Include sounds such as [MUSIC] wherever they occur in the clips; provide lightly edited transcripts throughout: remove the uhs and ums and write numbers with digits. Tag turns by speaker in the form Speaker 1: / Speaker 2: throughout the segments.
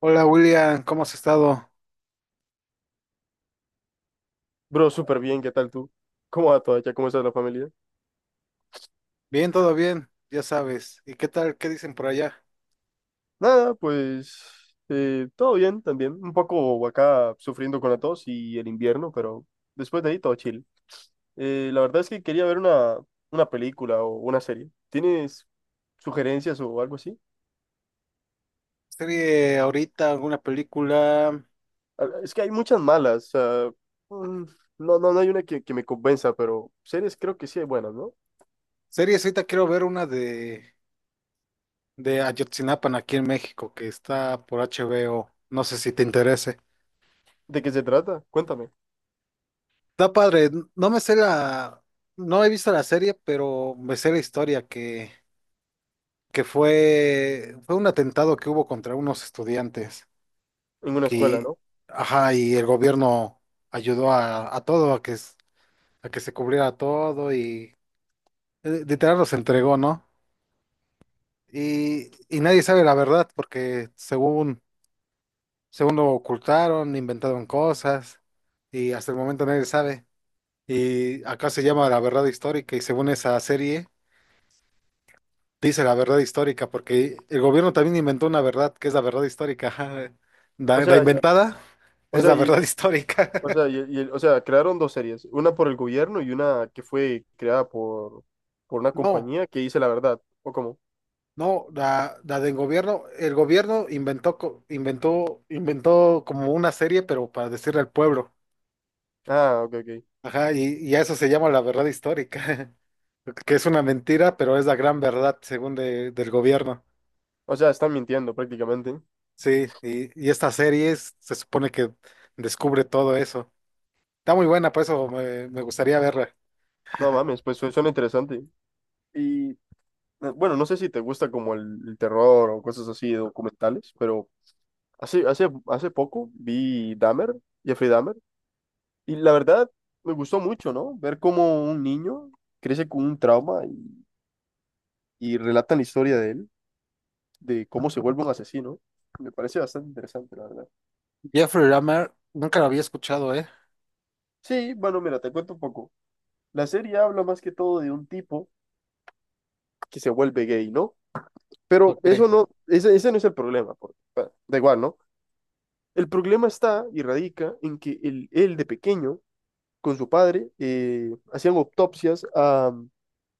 Speaker 1: Hola William, ¿cómo has estado?
Speaker 2: Bro, súper bien, ¿qué tal tú? ¿Cómo va todo allá? ¿Cómo está la familia?
Speaker 1: Bien, todo bien, ya sabes. ¿Y qué tal? ¿Qué dicen por allá?
Speaker 2: Nada, pues todo bien también. Un poco acá sufriendo con la tos y el invierno, pero después de ahí todo chill. La verdad es que quería ver una película o una serie. ¿Tienes sugerencias o algo así?
Speaker 1: ¿Serie ahorita, alguna película?
Speaker 2: Es que hay muchas malas. Mm, no, no, no hay una que me convenza, pero series creo que sí hay buenas, ¿no?
Speaker 1: Series ahorita quiero ver una de Ayotzinapa aquí en México, que está por HBO. No sé si te interese.
Speaker 2: ¿De qué se trata? Cuéntame.
Speaker 1: Está padre, no me sé no he visto la serie, pero me sé la historia que fue un atentado que hubo contra unos estudiantes.
Speaker 2: En una escuela,
Speaker 1: Que,
Speaker 2: ¿no?
Speaker 1: ajá, y el gobierno ayudó a todo a que se cubriera todo y literal los entregó, ¿no? Y nadie sabe la verdad porque según lo ocultaron, inventaron cosas y hasta el momento nadie sabe. Y acá se llama La Verdad Histórica y según esa serie dice la verdad histórica porque el gobierno también inventó una verdad que es la verdad histórica. [LAUGHS] Ajá.
Speaker 2: O
Speaker 1: La
Speaker 2: sea,
Speaker 1: inventada
Speaker 2: o
Speaker 1: es
Speaker 2: sea,
Speaker 1: la
Speaker 2: y-
Speaker 1: verdad histórica. [LAUGHS]
Speaker 2: O sea, crearon dos series, una por el gobierno y una que fue creada por una
Speaker 1: No.
Speaker 2: compañía que dice la verdad. ¿O cómo?
Speaker 1: No, la del gobierno, el gobierno inventó como una serie, pero para decirle al pueblo.
Speaker 2: Ok, ok.
Speaker 1: Ajá, y a eso se llama la verdad histórica, [LAUGHS] que es una mentira, pero es la gran verdad según del gobierno.
Speaker 2: O sea, están mintiendo prácticamente.
Speaker 1: Sí, y esta serie se supone que descubre todo eso. Está muy buena, por eso me gustaría verla.
Speaker 2: No mames, pues suena interesante. Y bueno, no sé si te gusta como el terror o cosas así, documentales, pero hace poco vi Dahmer, Jeffrey Dahmer, y la verdad me gustó mucho, ¿no? Ver cómo un niño crece con un trauma y relatan la historia de él, de cómo se vuelve un asesino. Me parece bastante interesante, la verdad.
Speaker 1: Jeffrey Dahmer, nunca la había escuchado, ¿eh?
Speaker 2: Sí, bueno, mira, te cuento un poco. La serie habla más que todo de un tipo que se vuelve gay, ¿no? Pero
Speaker 1: Ok,
Speaker 2: eso no, ese no es el problema, porque, bueno, da igual, ¿no? El problema está y radica en que él de pequeño, con su padre, hacían autopsias a,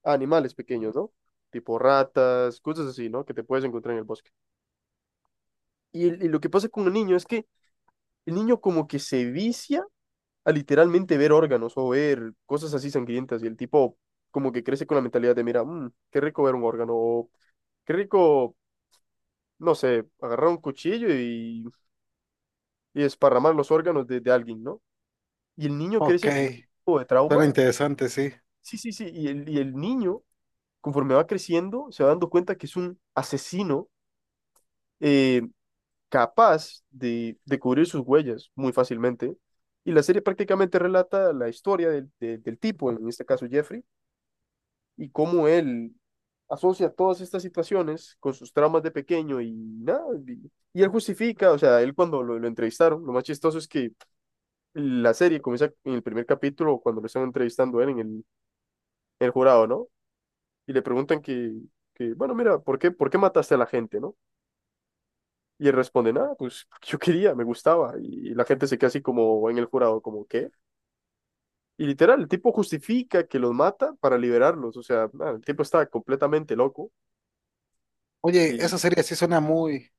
Speaker 2: a animales pequeños, ¿no? Tipo ratas, cosas así, ¿no? Que te puedes encontrar en el bosque. Y lo que pasa con el niño es que el niño como que se vicia a literalmente ver órganos o ver cosas así sangrientas, y el tipo como que crece con la mentalidad de, mira, "Mm, qué rico ver un órgano o qué rico, no sé, agarrar un cuchillo y esparramar los órganos de alguien, ¿no?" Y el niño
Speaker 1: ok,
Speaker 2: crece con ese tipo de
Speaker 1: suena
Speaker 2: trauma.
Speaker 1: interesante, sí.
Speaker 2: Sí, sí, sí, y el niño, conforme va creciendo, se va dando cuenta que es un asesino, eh, capaz de cubrir sus huellas muy fácilmente. Y la serie prácticamente relata la historia del tipo, en este caso Jeffrey, y cómo él asocia todas estas situaciones con sus traumas de pequeño y nada. Y él justifica, o sea, él cuando lo entrevistaron, lo más chistoso es que la serie comienza en el primer capítulo cuando lo están entrevistando a él en el jurado, ¿no? Y le preguntan que, bueno, mira, ¿por qué mataste a la gente, no? Y él responde, nada, pues [LAUGHS] porque yo quería, me gustaba. Y la gente se queda así como en el jurado, como, ¿qué? Y literal, el tipo justifica que los mata para liberarlos. O sea, nada, el tipo está completamente loco.
Speaker 1: Oye,
Speaker 2: Y
Speaker 1: esa serie sí suena muy...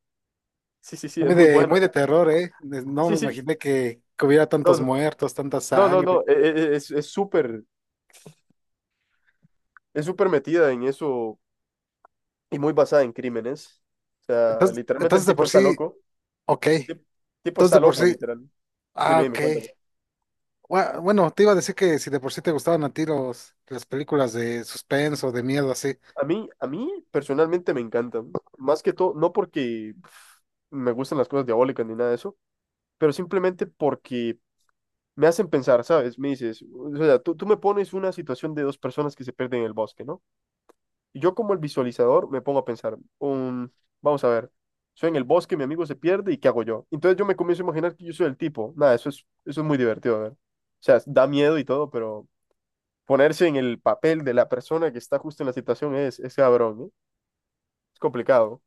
Speaker 2: sí, sí, sí, es muy buena.
Speaker 1: Muy de terror, ¿eh? No
Speaker 2: Sí,
Speaker 1: me
Speaker 2: sí,
Speaker 1: imaginé que hubiera
Speaker 2: no,
Speaker 1: tantos
Speaker 2: no,
Speaker 1: muertos, tanta
Speaker 2: no, no, no,
Speaker 1: sangre.
Speaker 2: es súper metida en eso y muy basada en crímenes. O sea, literalmente
Speaker 1: Entonces
Speaker 2: el
Speaker 1: de
Speaker 2: tipo
Speaker 1: por
Speaker 2: está
Speaker 1: sí,
Speaker 2: loco.
Speaker 1: ok.
Speaker 2: El tipo
Speaker 1: Entonces de
Speaker 2: está
Speaker 1: por
Speaker 2: loco,
Speaker 1: sí,
Speaker 2: literal.
Speaker 1: ah,
Speaker 2: Dime,
Speaker 1: ok.
Speaker 2: dime, cuéntame.
Speaker 1: Bueno, te iba a decir que si de por sí te gustaban a ti las películas de suspenso, de miedo, así.
Speaker 2: A mí personalmente me encanta. Más que todo, no porque pf, me gustan las cosas diabólicas ni nada de eso, pero simplemente porque me hacen pensar, ¿sabes? Me dices, o sea, tú me pones una situación de dos personas que se pierden en el bosque, ¿no? Yo como el visualizador me pongo a pensar, vamos a ver, soy en el bosque, mi amigo se pierde y ¿qué hago yo? Entonces yo me comienzo a imaginar que yo soy el tipo. Nada, eso es muy divertido de ver. O sea, da miedo y todo, pero ponerse en el papel de la persona que está justo en la situación es cabrón, ¿no? Es complicado.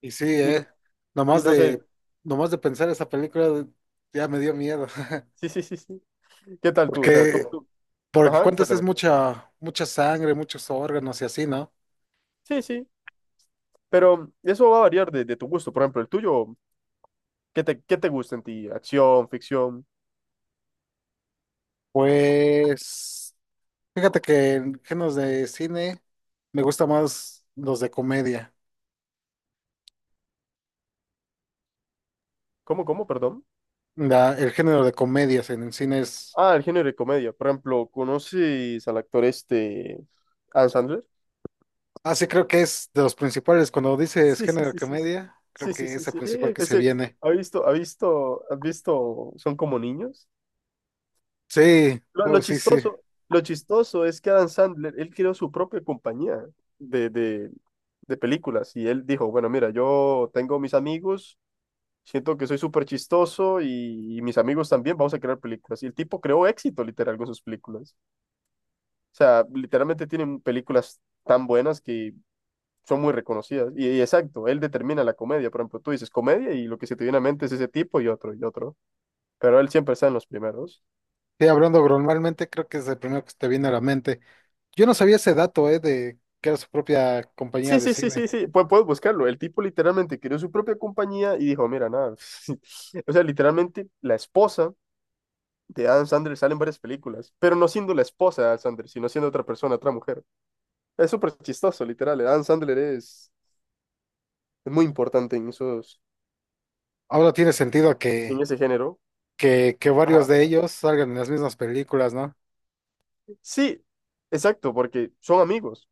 Speaker 1: Y sí,
Speaker 2: Y no,
Speaker 1: ¿eh?
Speaker 2: y
Speaker 1: Nomás
Speaker 2: no sé,
Speaker 1: de, nomás de pensar esa película ya me dio miedo. [LAUGHS]
Speaker 2: sí, sí, sí, sí. ¿Qué tal tú? O sea, tú,
Speaker 1: Porque,
Speaker 2: tú,
Speaker 1: porque
Speaker 2: ajá,
Speaker 1: cuántas es
Speaker 2: cuéntame.
Speaker 1: mucha sangre, muchos órganos y así, ¿no?
Speaker 2: Sí, sí, pero eso va a variar de tu gusto. Por ejemplo, el tuyo, ¿qué te gusta en ti? ¿Acción, ficción?
Speaker 1: Pues... Fíjate que en géneros de cine me gusta más los de comedia.
Speaker 2: ¿Cómo, cómo, perdón?
Speaker 1: El género de comedias en el cine es,
Speaker 2: El género de comedia. Por ejemplo, ¿conoces al actor este, Adam Sandler? [LAUGHS]
Speaker 1: ah, sí, creo que es de los principales. Cuando dices
Speaker 2: Sí, sí,
Speaker 1: género de
Speaker 2: sí, sí.
Speaker 1: comedia, creo
Speaker 2: Sí, sí,
Speaker 1: que
Speaker 2: sí,
Speaker 1: es el
Speaker 2: sí.
Speaker 1: principal que se
Speaker 2: Ese,
Speaker 1: viene.
Speaker 2: ¿has visto, son como niños?
Speaker 1: Sí,
Speaker 2: Lo, lo
Speaker 1: oh, sí.
Speaker 2: chistoso, lo chistoso es que Adam Sandler, él creó su propia compañía de, de, de películas, y él dijo, bueno, mira, yo tengo mis amigos, siento que soy súper chistoso y mis amigos también, vamos a crear películas. Y el tipo creó éxito literal con sus películas. O sea, literalmente tienen películas tan buenas que son muy reconocidas. Y exacto, él determina la comedia. Por ejemplo, tú dices comedia y lo que se te viene a mente es ese tipo y otro y otro. Pero él siempre está en los primeros.
Speaker 1: Sí, hablando normalmente, creo que es el primero que te viene a la mente. Yo no sabía ese dato, de que era su propia compañía
Speaker 2: Sí,
Speaker 1: de
Speaker 2: sí, sí,
Speaker 1: cine.
Speaker 2: sí, sí. Puedes buscarlo. El tipo literalmente creó su propia compañía y dijo, mira, nada. [LAUGHS] O sea, literalmente la esposa de Adam Sandler sale en varias películas, pero no siendo la esposa de Adam Sandler, sino siendo otra persona, otra mujer. Es súper chistoso, literal. Adam Sandler es muy importante en esos,
Speaker 1: Ahora tiene sentido
Speaker 2: en ese género.
Speaker 1: que varios
Speaker 2: Ajá.
Speaker 1: de ellos salgan en las mismas películas, ¿no?
Speaker 2: Sí, exacto, porque son amigos.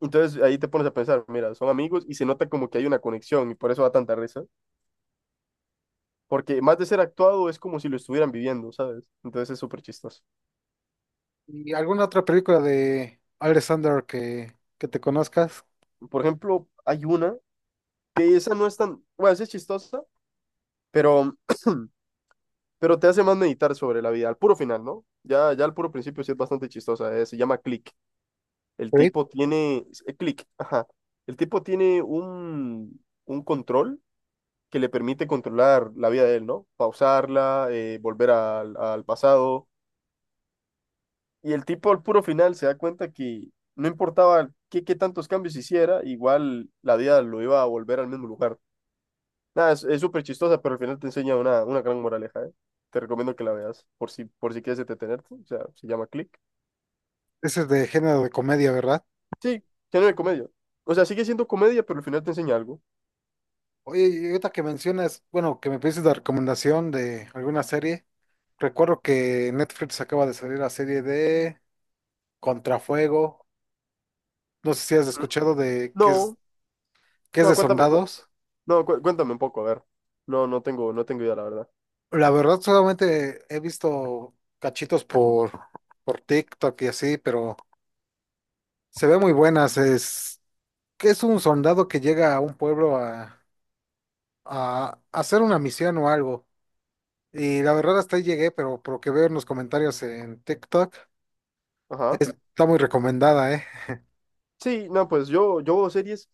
Speaker 2: Entonces ahí te pones a pensar, mira, son amigos y se nota como que hay una conexión y por eso da tanta risa. Porque más de ser actuado es como si lo estuvieran viviendo, ¿sabes? Entonces es súper chistoso.
Speaker 1: ¿Y alguna otra película de Alexander que te conozcas?
Speaker 2: Por ejemplo, hay una que esa no es tan, bueno, esa es chistosa, pero, [CLEARS THROAT] pero te hace más meditar sobre la vida, al puro final, ¿no? Ya, ya al puro principio sí es bastante chistosa, se llama Click. El
Speaker 1: Creed.
Speaker 2: tipo tiene, Click, ajá. El tipo tiene un control que le permite controlar la vida de él, ¿no? Pausarla, volver al pasado. Y el tipo al puro final se da cuenta que no importaba qué, qué tantos cambios hiciera, igual la vida lo iba a volver al mismo lugar. Nada, es súper chistosa, pero al final te enseña una gran moraleja, ¿eh? Te recomiendo que la veas, por si quieres entretenerte. O sea, se llama Click.
Speaker 1: Ese es de género de comedia, ¿verdad?
Speaker 2: Sí, género de comedia. O sea, sigue siendo comedia, pero al final te enseña algo.
Speaker 1: Oye, y ahorita que mencionas, bueno, que me pides la recomendación de alguna serie, recuerdo que en Netflix acaba de salir la serie de Contrafuego, no sé si has
Speaker 2: ¿Mm?
Speaker 1: escuchado de
Speaker 2: No,
Speaker 1: que es
Speaker 2: no,
Speaker 1: de
Speaker 2: cuéntame,
Speaker 1: soldados.
Speaker 2: no, cuéntame un poco, a ver. No, no tengo idea, la verdad.
Speaker 1: La verdad solamente he visto cachitos por TikTok y así, pero se ve muy buenas, es que es un soldado que llega a un pueblo a hacer una misión o algo. Y la verdad hasta ahí llegué, pero por lo que veo en los comentarios en TikTok,
Speaker 2: Ajá.
Speaker 1: está muy recomendada, ¿eh?
Speaker 2: Sí, no, pues yo veo series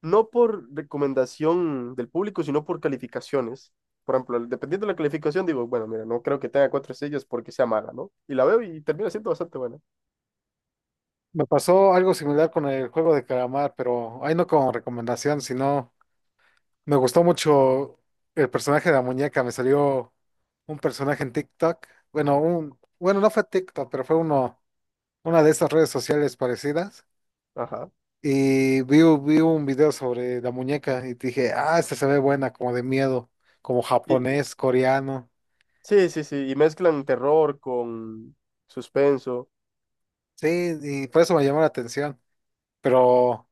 Speaker 2: no por recomendación del público, sino por calificaciones. Por ejemplo, dependiendo de la calificación, digo, bueno, mira, no creo que tenga 4 estrellas porque sea mala, ¿no? Y la veo y termina siendo bastante buena.
Speaker 1: Me pasó algo similar con el juego de calamar, pero ahí no como recomendación, sino me gustó mucho el personaje de la muñeca. Me salió un personaje en TikTok. Bueno, no fue TikTok, pero fue una de esas redes sociales parecidas.
Speaker 2: Ajá.
Speaker 1: Y vi un video sobre la muñeca y dije, ah, esta se ve buena, como de miedo, como
Speaker 2: Y-
Speaker 1: japonés, coreano.
Speaker 2: sí, sí, sí. Y mezclan terror con suspenso.
Speaker 1: Sí, y por eso me llamó la atención. Pero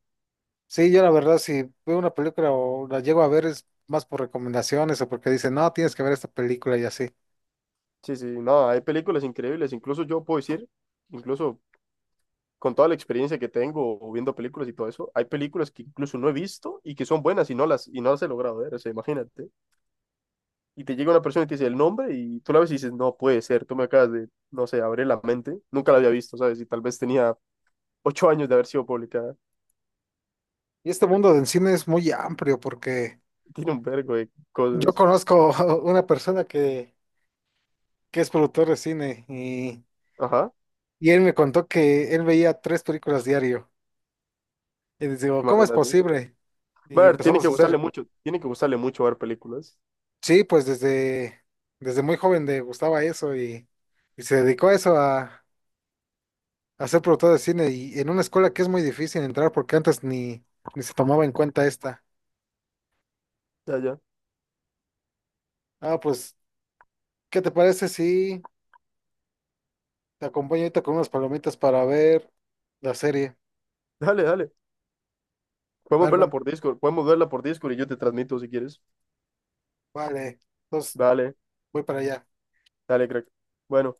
Speaker 1: sí, yo la verdad, si veo una película o la llego a ver es más por recomendaciones o porque dicen, no, tienes que ver esta película y así.
Speaker 2: Sí, sí. No, hay películas increíbles. Incluso yo puedo decir, incluso con toda la experiencia que tengo o viendo películas y todo eso, hay películas que incluso no he visto y que son buenas y y no las he logrado ver. O sea, imagínate. Y te llega una persona y te dice el nombre y tú la ves y dices, no puede ser, tú me acabas de, no sé, abrir la mente. Nunca la había visto, ¿sabes? Y tal vez tenía 8 años de haber sido publicada.
Speaker 1: Y este mundo del cine es muy amplio porque
Speaker 2: [LAUGHS] Tiene un vergo de
Speaker 1: yo
Speaker 2: cosas.
Speaker 1: conozco [LAUGHS] una persona que es productor de cine
Speaker 2: Ajá,
Speaker 1: y él me contó que él veía tres películas diario. Y les digo, ¿cómo es
Speaker 2: imagínate.
Speaker 1: posible?
Speaker 2: Va
Speaker 1: Y
Speaker 2: a ver, tiene que
Speaker 1: empezamos a
Speaker 2: gustarle
Speaker 1: hacer
Speaker 2: mucho, tiene que gustarle mucho ver películas.
Speaker 1: sí, pues desde muy joven le gustaba eso y se dedicó a eso, a ser productor de cine y en una escuela que es muy difícil entrar porque antes ni se tomaba en cuenta esta.
Speaker 2: Ya, ya.
Speaker 1: Ah, pues, ¿qué te parece si te acompaño ahorita con unas palomitas para ver la serie?
Speaker 2: Dale, dale. Podemos verla
Speaker 1: Barman,
Speaker 2: por Discord, podemos verla por Discord y yo te transmito si quieres.
Speaker 1: vale, entonces
Speaker 2: Dale,
Speaker 1: voy para allá.
Speaker 2: dale, crack. Bueno.